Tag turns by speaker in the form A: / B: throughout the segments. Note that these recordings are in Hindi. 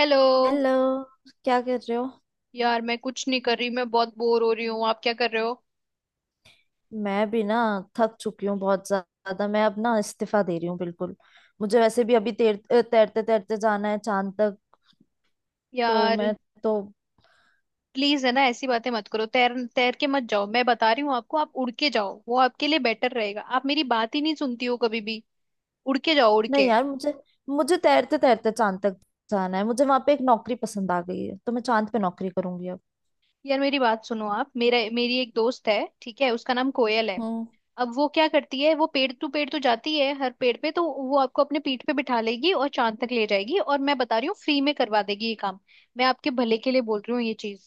A: हेलो।
B: हेलो। क्या कर रहे हो?
A: यार, मैं कुछ नहीं कर रही, मैं बहुत बोर हो रही हूँ। आप क्या कर रहे हो?
B: मैं भी ना, थक चुकी हूँ बहुत ज्यादा। मैं अब ना इस्तीफा दे रही हूँ बिल्कुल। मुझे वैसे भी अभी तैरते तैरते जाना है चांद तक। तो
A: यार
B: मैं तो
A: प्लीज, है ना, ऐसी बातें मत करो। तैर तैर के मत जाओ, मैं बता रही हूँ आपको, आप उड़ के जाओ, वो आपके लिए बेटर रहेगा। आप मेरी बात ही नहीं सुनती हो कभी भी। उड़ के जाओ, उड़
B: नहीं
A: के।
B: यार, मुझे मुझे तैरते तैरते चांद तक जाना है। मुझे वहां पे एक नौकरी पसंद आ गई है, तो मैं चांद पे नौकरी करूंगी अब।
A: यार मेरी बात सुनो। आप मेरा मेरी एक दोस्त है, ठीक है, उसका नाम कोयल है।
B: हम्म।
A: अब वो क्या करती है, वो पेड़ टू पेड़ तो जाती है, हर पेड़ पे, तो वो आपको अपने पीठ पे बिठा लेगी और चांद तक ले जाएगी, और मैं बता रही हूँ फ्री में करवा देगी ये काम। मैं आपके भले के लिए बोल रही हूँ ये चीज।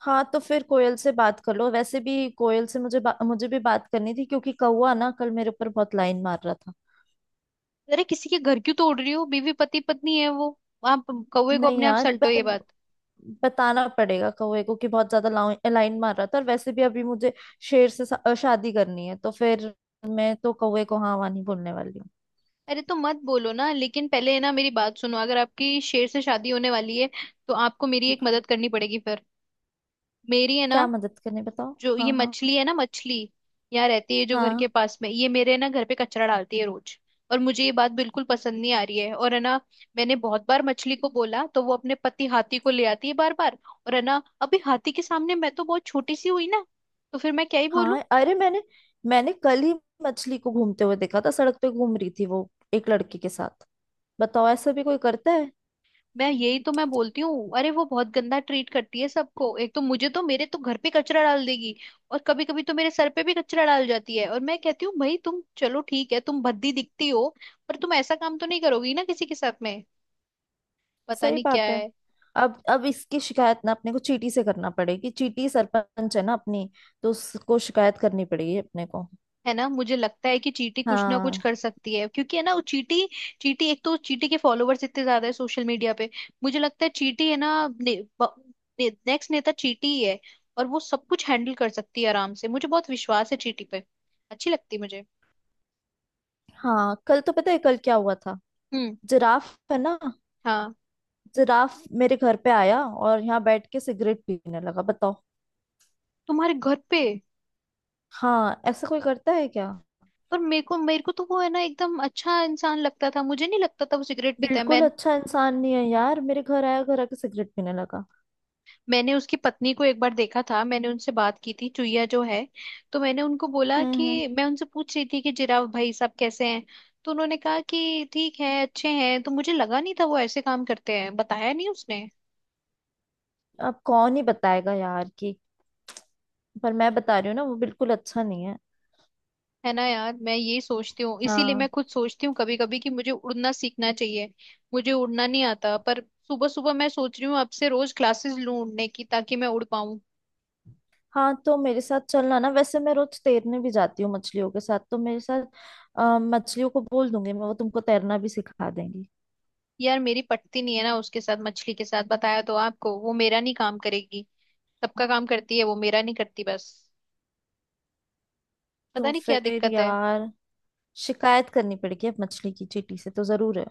B: हाँ, तो फिर कोयल से बात कर लो। वैसे भी कोयल से मुझे भी बात करनी थी, क्योंकि कौवा ना कल मेरे ऊपर बहुत लाइन मार रहा था।
A: अरे, किसी के घर क्यों तोड़ रही हो, बीवी, पति पत्नी है वो। आप कौवे को
B: नहीं
A: अपने आप
B: यार,
A: सल्टो
B: पर
A: ये बात।
B: बताना पड़ेगा कौवे को कि बहुत ज्यादा लाइन मार रहा था। और वैसे भी अभी मुझे शेर से शादी करनी है, तो फिर मैं तो कौवे को हाँ वहाँ नहीं बोलने वाली हूँ।
A: अरे तो मत बोलो ना, लेकिन पहले, है ना, मेरी बात सुनो। अगर आपकी शेर से शादी होने वाली है, तो आपको मेरी एक मदद करनी पड़ेगी फिर, मेरी, है ना।
B: क्या मदद करनी बताओ।
A: जो ये
B: हाँ हाँ।
A: मछली है ना, मछली, यहाँ रहती है जो घर
B: हाँ
A: के पास में, ये मेरे ना घर पे कचरा डालती है रोज, और मुझे ये बात बिल्कुल पसंद नहीं आ रही है। और है ना, मैंने बहुत बार मछली को बोला तो वो अपने पति हाथी को ले आती है बार बार। और है ना, अभी हाथी के सामने मैं तो बहुत छोटी सी हुई ना, तो फिर मैं क्या ही बोलूं।
B: हाँ। अरे मैंने मैंने कल ही मछली को घूमते हुए देखा था। सड़क पे घूम रही थी वो, एक लड़के के साथ। बताओ, ऐसा भी कोई करता है?
A: मैं यही तो मैं बोलती हूँ, अरे वो बहुत गंदा ट्रीट करती है सबको। एक तो मुझे तो मेरे तो घर पे कचरा डाल देगी, और कभी कभी तो मेरे सर पे भी कचरा डाल जाती है। और मैं कहती हूँ, भाई तुम चलो ठीक है, तुम भद्दी दिखती हो, पर तुम ऐसा काम तो नहीं करोगी ना किसी के साथ में। पता
B: सही
A: नहीं क्या।
B: बात है। अब इसकी शिकायत ना अपने को चीटी से करना पड़ेगी। चीटी सरपंच है ना अपनी, तो उसको शिकायत करनी पड़ेगी अपने को।
A: है ना, मुझे लगता है कि चींटी कुछ ना कुछ
B: हाँ।
A: कर सकती है, क्योंकि है ना वो चींटी, चींटी, एक तो चींटी के फॉलोवर्स इतने ज्यादा है सोशल मीडिया पे। मुझे लगता है चींटी है ना, नेक्स्ट नेता चींटी ही है, और वो सब कुछ हैंडल कर सकती है आराम से। मुझे बहुत विश्वास है चींटी पे, अच्छी लगती है मुझे।
B: हाँ कल तो पता है कल क्या हुआ था।
A: हम्म।
B: जिराफ है ना,
A: हाँ।
B: जिराफ मेरे घर पे आया और यहाँ बैठ के सिगरेट पीने लगा। बताओ।
A: तुम्हारे घर पे?
B: हाँ, ऐसा कोई करता है क्या?
A: पर मेरे को तो वो है ना एकदम अच्छा इंसान लगता था, मुझे नहीं लगता था वो सिगरेट पीता है।
B: बिल्कुल अच्छा इंसान नहीं है यार, मेरे घर आया, घर आके सिगरेट पीने लगा।
A: मैंने उसकी पत्नी को एक बार देखा था, मैंने उनसे बात की थी, चुईया जो है, तो मैंने उनको बोला
B: हम्म।
A: कि मैं उनसे पूछ रही थी कि जिराफ भाई साहब कैसे हैं। तो उन्होंने कहा कि ठीक है अच्छे हैं, तो मुझे लगा नहीं था वो ऐसे काम करते हैं, बताया नहीं उसने।
B: अब कौन ही बताएगा यार कि, पर मैं बता रही हूँ ना वो बिल्कुल अच्छा नहीं है।
A: है ना यार, मैं यही सोचती हूँ, इसीलिए मैं
B: हाँ।
A: खुद सोचती हूँ कभी कभी कि मुझे उड़ना सीखना चाहिए। मुझे उड़ना नहीं आता, पर सुबह सुबह मैं सोच रही हूँ अब से रोज क्लासेस लूँ उड़ने की, ताकि मैं उड़ पाऊँ।
B: हाँ तो मेरे साथ चलना ना, वैसे मैं रोज तैरने भी जाती हूँ मछलियों के साथ। तो मेरे साथ, मछलियों को बोल दूंगी मैं, वो तुमको तैरना भी सिखा देंगी।
A: यार मेरी पटती नहीं है ना उसके साथ, मछली के साथ, बताया तो आपको, वो मेरा नहीं काम करेगी। सबका काम करती है वो, मेरा नहीं करती बस, पता
B: तो
A: नहीं क्या
B: फिर
A: दिक्कत है।
B: यार, शिकायत करनी पड़ेगी अब मछली की चींटी से तो जरूर है।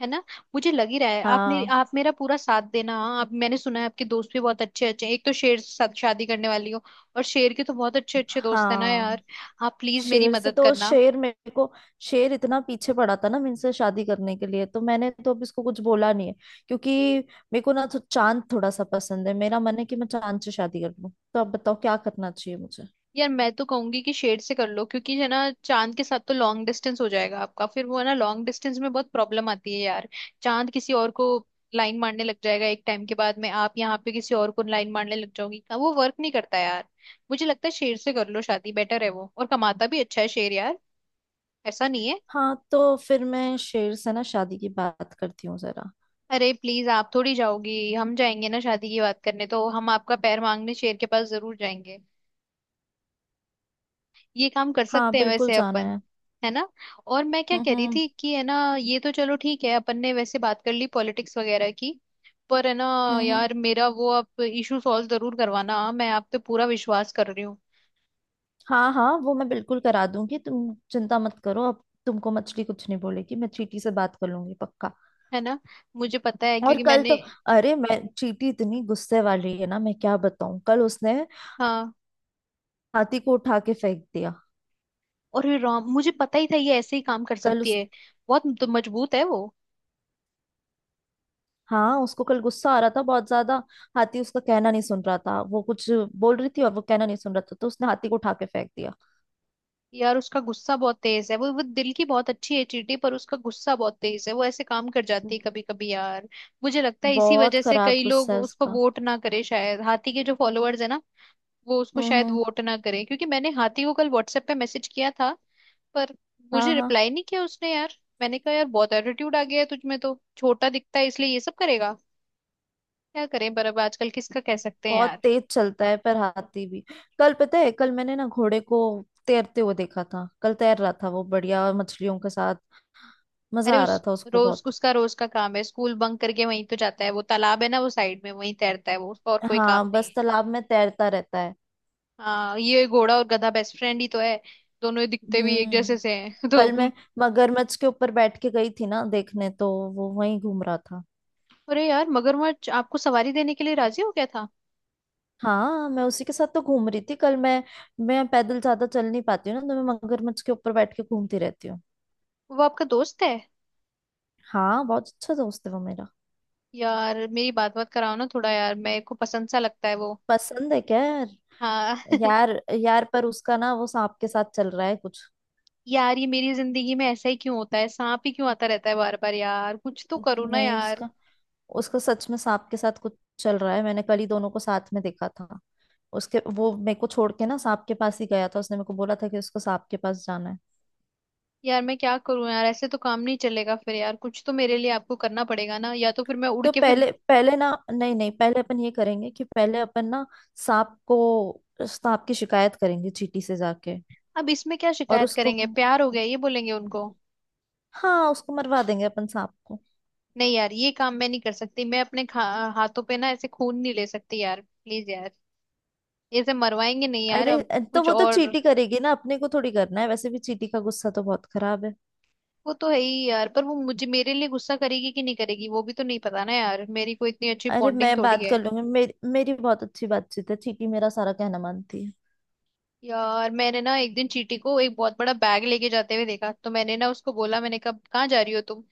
A: है ना, मुझे लग ही रहा है
B: हाँ।
A: आप मेरा पूरा साथ देना, हाँ। आप, मैंने सुना है आपके दोस्त भी बहुत अच्छे अच्छे हैं, एक तो शेर से शादी करने वाली हो, और शेर के तो बहुत अच्छे अच्छे दोस्त है ना यार।
B: हाँ
A: आप प्लीज मेरी
B: शेर से
A: मदद
B: तो
A: करना।
B: शेर मेरे को शेर इतना पीछे पड़ा था ना मुझसे शादी करने के लिए, तो मैंने तो अब इसको कुछ बोला नहीं है। क्योंकि मेरे को ना तो चांद थोड़ा सा पसंद है, मेरा मन है कि मैं चांद से शादी कर लूं। तो अब बताओ क्या करना चाहिए मुझे।
A: यार मैं तो कहूंगी कि शेड से कर लो, क्योंकि है ना चांद के साथ तो लॉन्ग डिस्टेंस हो जाएगा आपका, फिर वो है ना लॉन्ग डिस्टेंस में बहुत प्रॉब्लम आती है यार। चांद किसी और को लाइन मारने लग जाएगा एक टाइम के बाद में, आप यहाँ पे किसी और को लाइन मारने लग जाओगी, वो वर्क नहीं करता यार। मुझे लगता है शेर से कर लो शादी, बेटर है वो, और कमाता भी अच्छा है शेर यार, ऐसा नहीं है।
B: हाँ तो फिर मैं शेर से ना शादी की बात करती हूँ जरा।
A: अरे प्लीज, आप थोड़ी जाओगी, हम जाएंगे ना शादी की बात करने, तो हम आपका पैर मांगने शेर के पास जरूर जाएंगे। ये काम कर
B: हाँ
A: सकते हैं
B: बिल्कुल
A: वैसे
B: जाना
A: अपन,
B: है।
A: है ना। और मैं क्या कह रही
B: हम्म।
A: थी कि, है ना, ये तो चलो ठीक है, अपन ने वैसे बात कर ली पॉलिटिक्स वगैरह की, पर है ना
B: हम्म हम्म।
A: यार, मेरा वो आप इशू सॉल्व जरूर करवाना, मैं आप पे पूरा विश्वास कर रही हूँ।
B: हाँ हाँ, वो मैं बिल्कुल करा दूंगी। तुम चिंता मत करो, अब तुमको मछली कुछ नहीं बोलेगी, मैं चीटी से बात कर लूंगी पक्का।
A: है ना, मुझे पता है,
B: और
A: क्योंकि
B: कल तो
A: मैंने,
B: अरे मैं, चीटी इतनी गुस्से वाली है ना, मैं क्या बताऊं, कल उसने
A: हाँ,
B: हाथी को उठा के फेंक दिया।
A: और ये राम, मुझे पता ही था ये ऐसे ही काम कर
B: कल
A: सकती
B: उस
A: है, बहुत तो मजबूत है वो।
B: हाँ उसको कल गुस्सा आ रहा था बहुत ज्यादा। हाथी उसका कहना नहीं सुन रहा था, वो कुछ बोल रही थी और वो कहना नहीं सुन रहा था, तो उसने हाथी को उठा के फेंक दिया।
A: यार उसका गुस्सा बहुत तेज है, वो दिल की बहुत अच्छी है चींटी, पर उसका गुस्सा बहुत तेज है, वो ऐसे काम कर जाती है कभी कभी यार। मुझे लगता है इसी
B: बहुत
A: वजह से
B: खराब
A: कई लोग
B: गुस्सा है
A: उसको
B: उसका।
A: वोट ना करे शायद, हाथी के जो फॉलोअर्स है ना, वो उसको शायद
B: हम्म।
A: वोट ना करे, क्योंकि मैंने हाथी को कल व्हाट्सएप पे मैसेज किया था, पर
B: हाँ।
A: मुझे
B: हाँ
A: रिप्लाई नहीं किया उसने यार। मैंने कहा यार बहुत एटीट्यूड आ गया है तुझमें, तो छोटा दिखता है इसलिए ये सब करेगा, क्या करें, पर अब आजकल किसका कह सकते हैं
B: बहुत
A: यार।
B: तेज चलता है पर हाथी भी। कल पता है, कल मैंने ना घोड़े को तैरते हुए देखा था। कल तैर रहा था वो बढ़िया मछलियों के साथ। मजा
A: अरे
B: आ
A: उस
B: रहा था उसको
A: रोज,
B: बहुत।
A: उसका रोज का काम है स्कूल बंक करके वहीं तो जाता है, वो तालाब है ना वो साइड में, वहीं तैरता है वो, उसका और कोई काम
B: हाँ
A: नहीं
B: बस
A: है।
B: तालाब में तैरता रहता है।
A: हाँ, ये घोड़ा और गधा बेस्ट फ्रेंड ही तो है, दोनों ही दिखते भी एक जैसे
B: हम्म।
A: से हैं तो।
B: कल मैं मगरमच्छ के ऊपर बैठ के गई थी ना देखने, तो वो वहीं घूम रहा था।
A: अरे यार, मगरमच्छ आपको सवारी देने के लिए राजी हो गया था?
B: हाँ मैं उसी के साथ तो घूम रही थी कल। मैं पैदल ज्यादा चल नहीं पाती हूँ ना, तो मैं मगरमच्छ के ऊपर बैठ के घूमती रहती हूँ।
A: वो आपका दोस्त है?
B: हाँ बहुत अच्छा दोस्त है वो मेरा।
A: यार मेरी बात बात कराओ ना थोड़ा यार, मेरे को पसंद सा लगता है वो।
B: पसंद है क्या?
A: हाँ।
B: यार, यार पर उसका ना वो सांप के साथ चल रहा है कुछ।
A: यार ये मेरी जिंदगी में ऐसा ही क्यों होता है, सांप ही क्यों आता रहता है बार बार यार, कुछ तो करो ना
B: नहीं,
A: यार।
B: उसका उसका सच में सांप के साथ कुछ चल रहा है, मैंने कल ही दोनों को साथ में देखा था। उसके वो मेरे को छोड़ के ना सांप के पास ही गया था। उसने मेरे को बोला था कि उसको सांप के पास जाना है।
A: यार मैं क्या करूं यार, ऐसे तो काम नहीं चलेगा फिर यार, कुछ तो मेरे लिए आपको करना पड़ेगा ना, या तो फिर मैं उड़
B: तो
A: के फिर।
B: पहले पहले ना नहीं नहीं पहले अपन ये करेंगे कि पहले अपन ना सांप को, सांप की शिकायत करेंगे चींटी से जाके।
A: अब इसमें क्या
B: और
A: शिकायत
B: उसको
A: करेंगे, प्यार हो गया ये बोलेंगे उनको।
B: हाँ उसको मरवा देंगे अपन, सांप को।
A: नहीं यार, ये काम मैं नहीं कर सकती, मैं अपने हाथों पे ना ऐसे खून नहीं ले सकती यार प्लीज यार, ऐसे मरवाएंगे नहीं यार,
B: अरे
A: अब
B: तो
A: कुछ
B: वो तो
A: और।
B: चींटी करेगी ना, अपने को थोड़ी करना है। वैसे भी चींटी का गुस्सा तो बहुत खराब है।
A: वो तो है ही यार, पर वो मुझे मेरे लिए गुस्सा करेगी कि नहीं करेगी वो भी तो नहीं पता ना यार, मेरी कोई इतनी अच्छी
B: अरे
A: बॉन्डिंग
B: मैं
A: थोड़ी
B: बात कर
A: है।
B: लूंगी, मेरी मेरी बहुत अच्छी बातचीत है, चीटी मेरा सारा कहना मानती है।
A: यार मैंने ना एक दिन चीटी को एक बहुत बड़ा बैग लेके जाते हुए देखा, तो मैंने ना उसको बोला, मैंने कहा कहाँ जा रही हो तुम।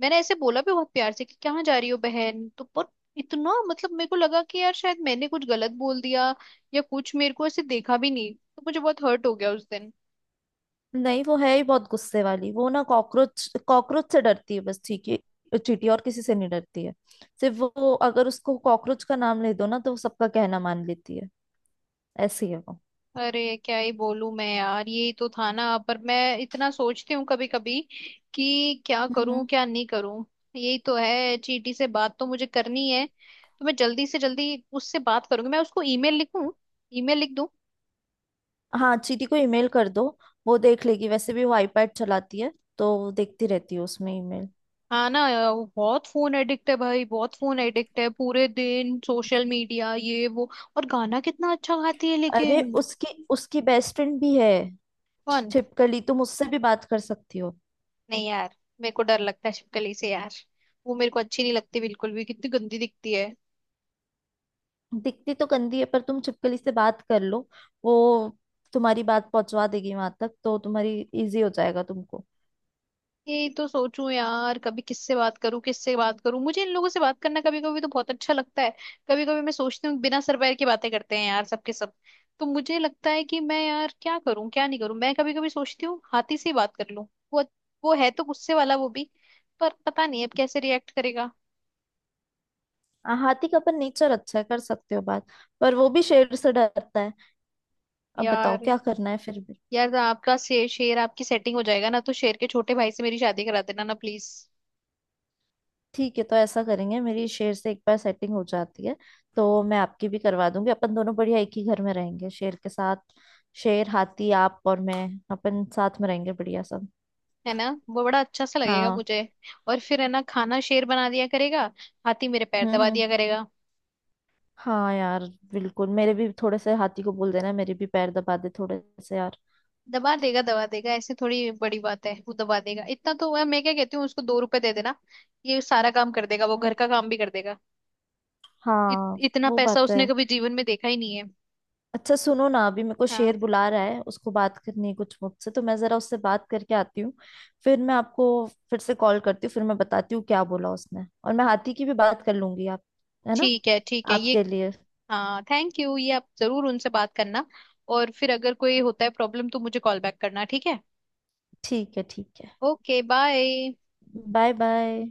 A: मैंने ऐसे बोला भी बहुत प्यार से कि कहाँ जा रही हो बहन, तो पर इतना, मतलब मेरे को लगा कि यार शायद मैंने कुछ गलत बोल दिया, या कुछ, मेरे को ऐसे देखा भी नहीं, तो मुझे बहुत हर्ट हो गया उस दिन।
B: नहीं वो है ही बहुत गुस्से वाली। वो ना कॉकरोच कॉकरोच से डरती है बस, ठीक है, चीटी और किसी से नहीं डरती है। सिर्फ वो, अगर उसको कॉकरोच का नाम ले दो ना तो वो सबका कहना मान लेती है, ऐसी है वो।
A: अरे क्या ही बोलूं मैं यार, यही तो था ना, पर मैं इतना सोचती हूँ कभी कभी कि क्या
B: हम्म हम्म।
A: करूं क्या नहीं करूं। यही तो है, चीटी से बात तो मुझे करनी है, तो मैं जल्दी से जल्दी उससे बात करूंगी, मैं उसको ईमेल लिखूं, ईमेल लिख दूं।
B: हाँ चीटी को ईमेल कर दो, वो देख लेगी। वैसे भी वो आईपैड चलाती है, तो वो देखती रहती है उसमें ईमेल।
A: हाँ ना। वो बहुत फोन एडिक्ट है भाई, बहुत फोन एडिक्ट है, पूरे दिन सोशल मीडिया ये वो, और गाना कितना अच्छा गाती है
B: अरे
A: लेकिन।
B: उसकी, उसकी बेस्ट फ्रेंड भी है,
A: कौन?
B: छिपकली। तुम उससे भी बात कर सकती हो।
A: नहीं यार, मेरे को डर लगता है छिपकली से यार, वो मेरे को अच्छी नहीं लगती बिल्कुल भी, कितनी गंदी दिखती है।
B: दिखती तो गंदी है पर तुम छिपकली से बात कर लो, वो तुम्हारी बात पहुंचवा देगी वहां तक, तो तुम्हारी इजी हो जाएगा तुमको।
A: यही तो सोचूं यार, कभी किससे बात करूं किससे बात करूं, मुझे इन लोगों से बात करना कभी कभी तो बहुत अच्छा लगता है, कभी कभी मैं सोचती हूँ बिना सर पैर की बातें करते हैं यार सबके सब। तो मुझे लगता है कि मैं, यार क्या करूं क्या नहीं करूं, मैं कभी कभी सोचती हूँ हाथी से ही बात कर लूं, वो वो है तो गुस्से वाला वो भी, पर पता नहीं अब कैसे रिएक्ट करेगा।
B: हाँ, हाथी का अपन नेचर अच्छा है, कर सकते हो बात। पर वो भी शेर से डरता है। अब बताओ
A: यार,
B: क्या करना है फिर भी।
A: यार आपका शेर, आपकी सेटिंग हो जाएगा ना तो शेर के छोटे भाई से मेरी शादी करा देना ना प्लीज।
B: ठीक है तो ऐसा करेंगे, मेरी शेर से एक बार सेटिंग हो जाती है तो मैं आपकी भी करवा दूंगी। अपन दोनों बढ़िया एक ही घर में रहेंगे शेर के साथ। शेर, हाथी, आप और मैं, अपन साथ में रहेंगे बढ़िया सब।
A: है ना वो बड़ा अच्छा सा लगेगा
B: हाँ।
A: मुझे, और फिर है ना खाना शेर बना दिया करेगा, हाथी मेरे पैर दबा
B: हम्म।
A: दिया करेगा।
B: हाँ यार, बिल्कुल मेरे भी थोड़े से हाथी को बोल देना, मेरे भी पैर दबा दे थोड़े से यार।
A: दबा देगा दबा देगा, ऐसे थोड़ी बड़ी बात है, वो दबा देगा, इतना तो हुआ, मैं क्या कहती हूँ उसको 2 रुपए दे देना, ये सारा काम कर देगा, वो घर का काम भी कर देगा,
B: हाँ।
A: इतना
B: वो
A: पैसा
B: बात तो
A: उसने
B: है।
A: कभी जीवन में देखा ही नहीं है।
B: अच्छा सुनो ना, अभी मेरे को
A: हाँ,
B: शेर बुला रहा है, उसको बात करनी है कुछ मुझसे, तो मैं जरा उससे बात करके आती हूँ। फिर मैं आपको फिर से कॉल करती हूँ, फिर मैं बताती हूँ क्या बोला उसने, और मैं हाथी की भी बात कर लूंगी आप, है ना,
A: ठीक है ये।
B: आपके लिए।
A: हाँ थैंक यू, ये आप जरूर उनसे बात करना, और फिर अगर कोई होता है प्रॉब्लम, तो मुझे कॉल बैक करना, ठीक है।
B: ठीक है ठीक है।
A: Okay bye.
B: Bye bye.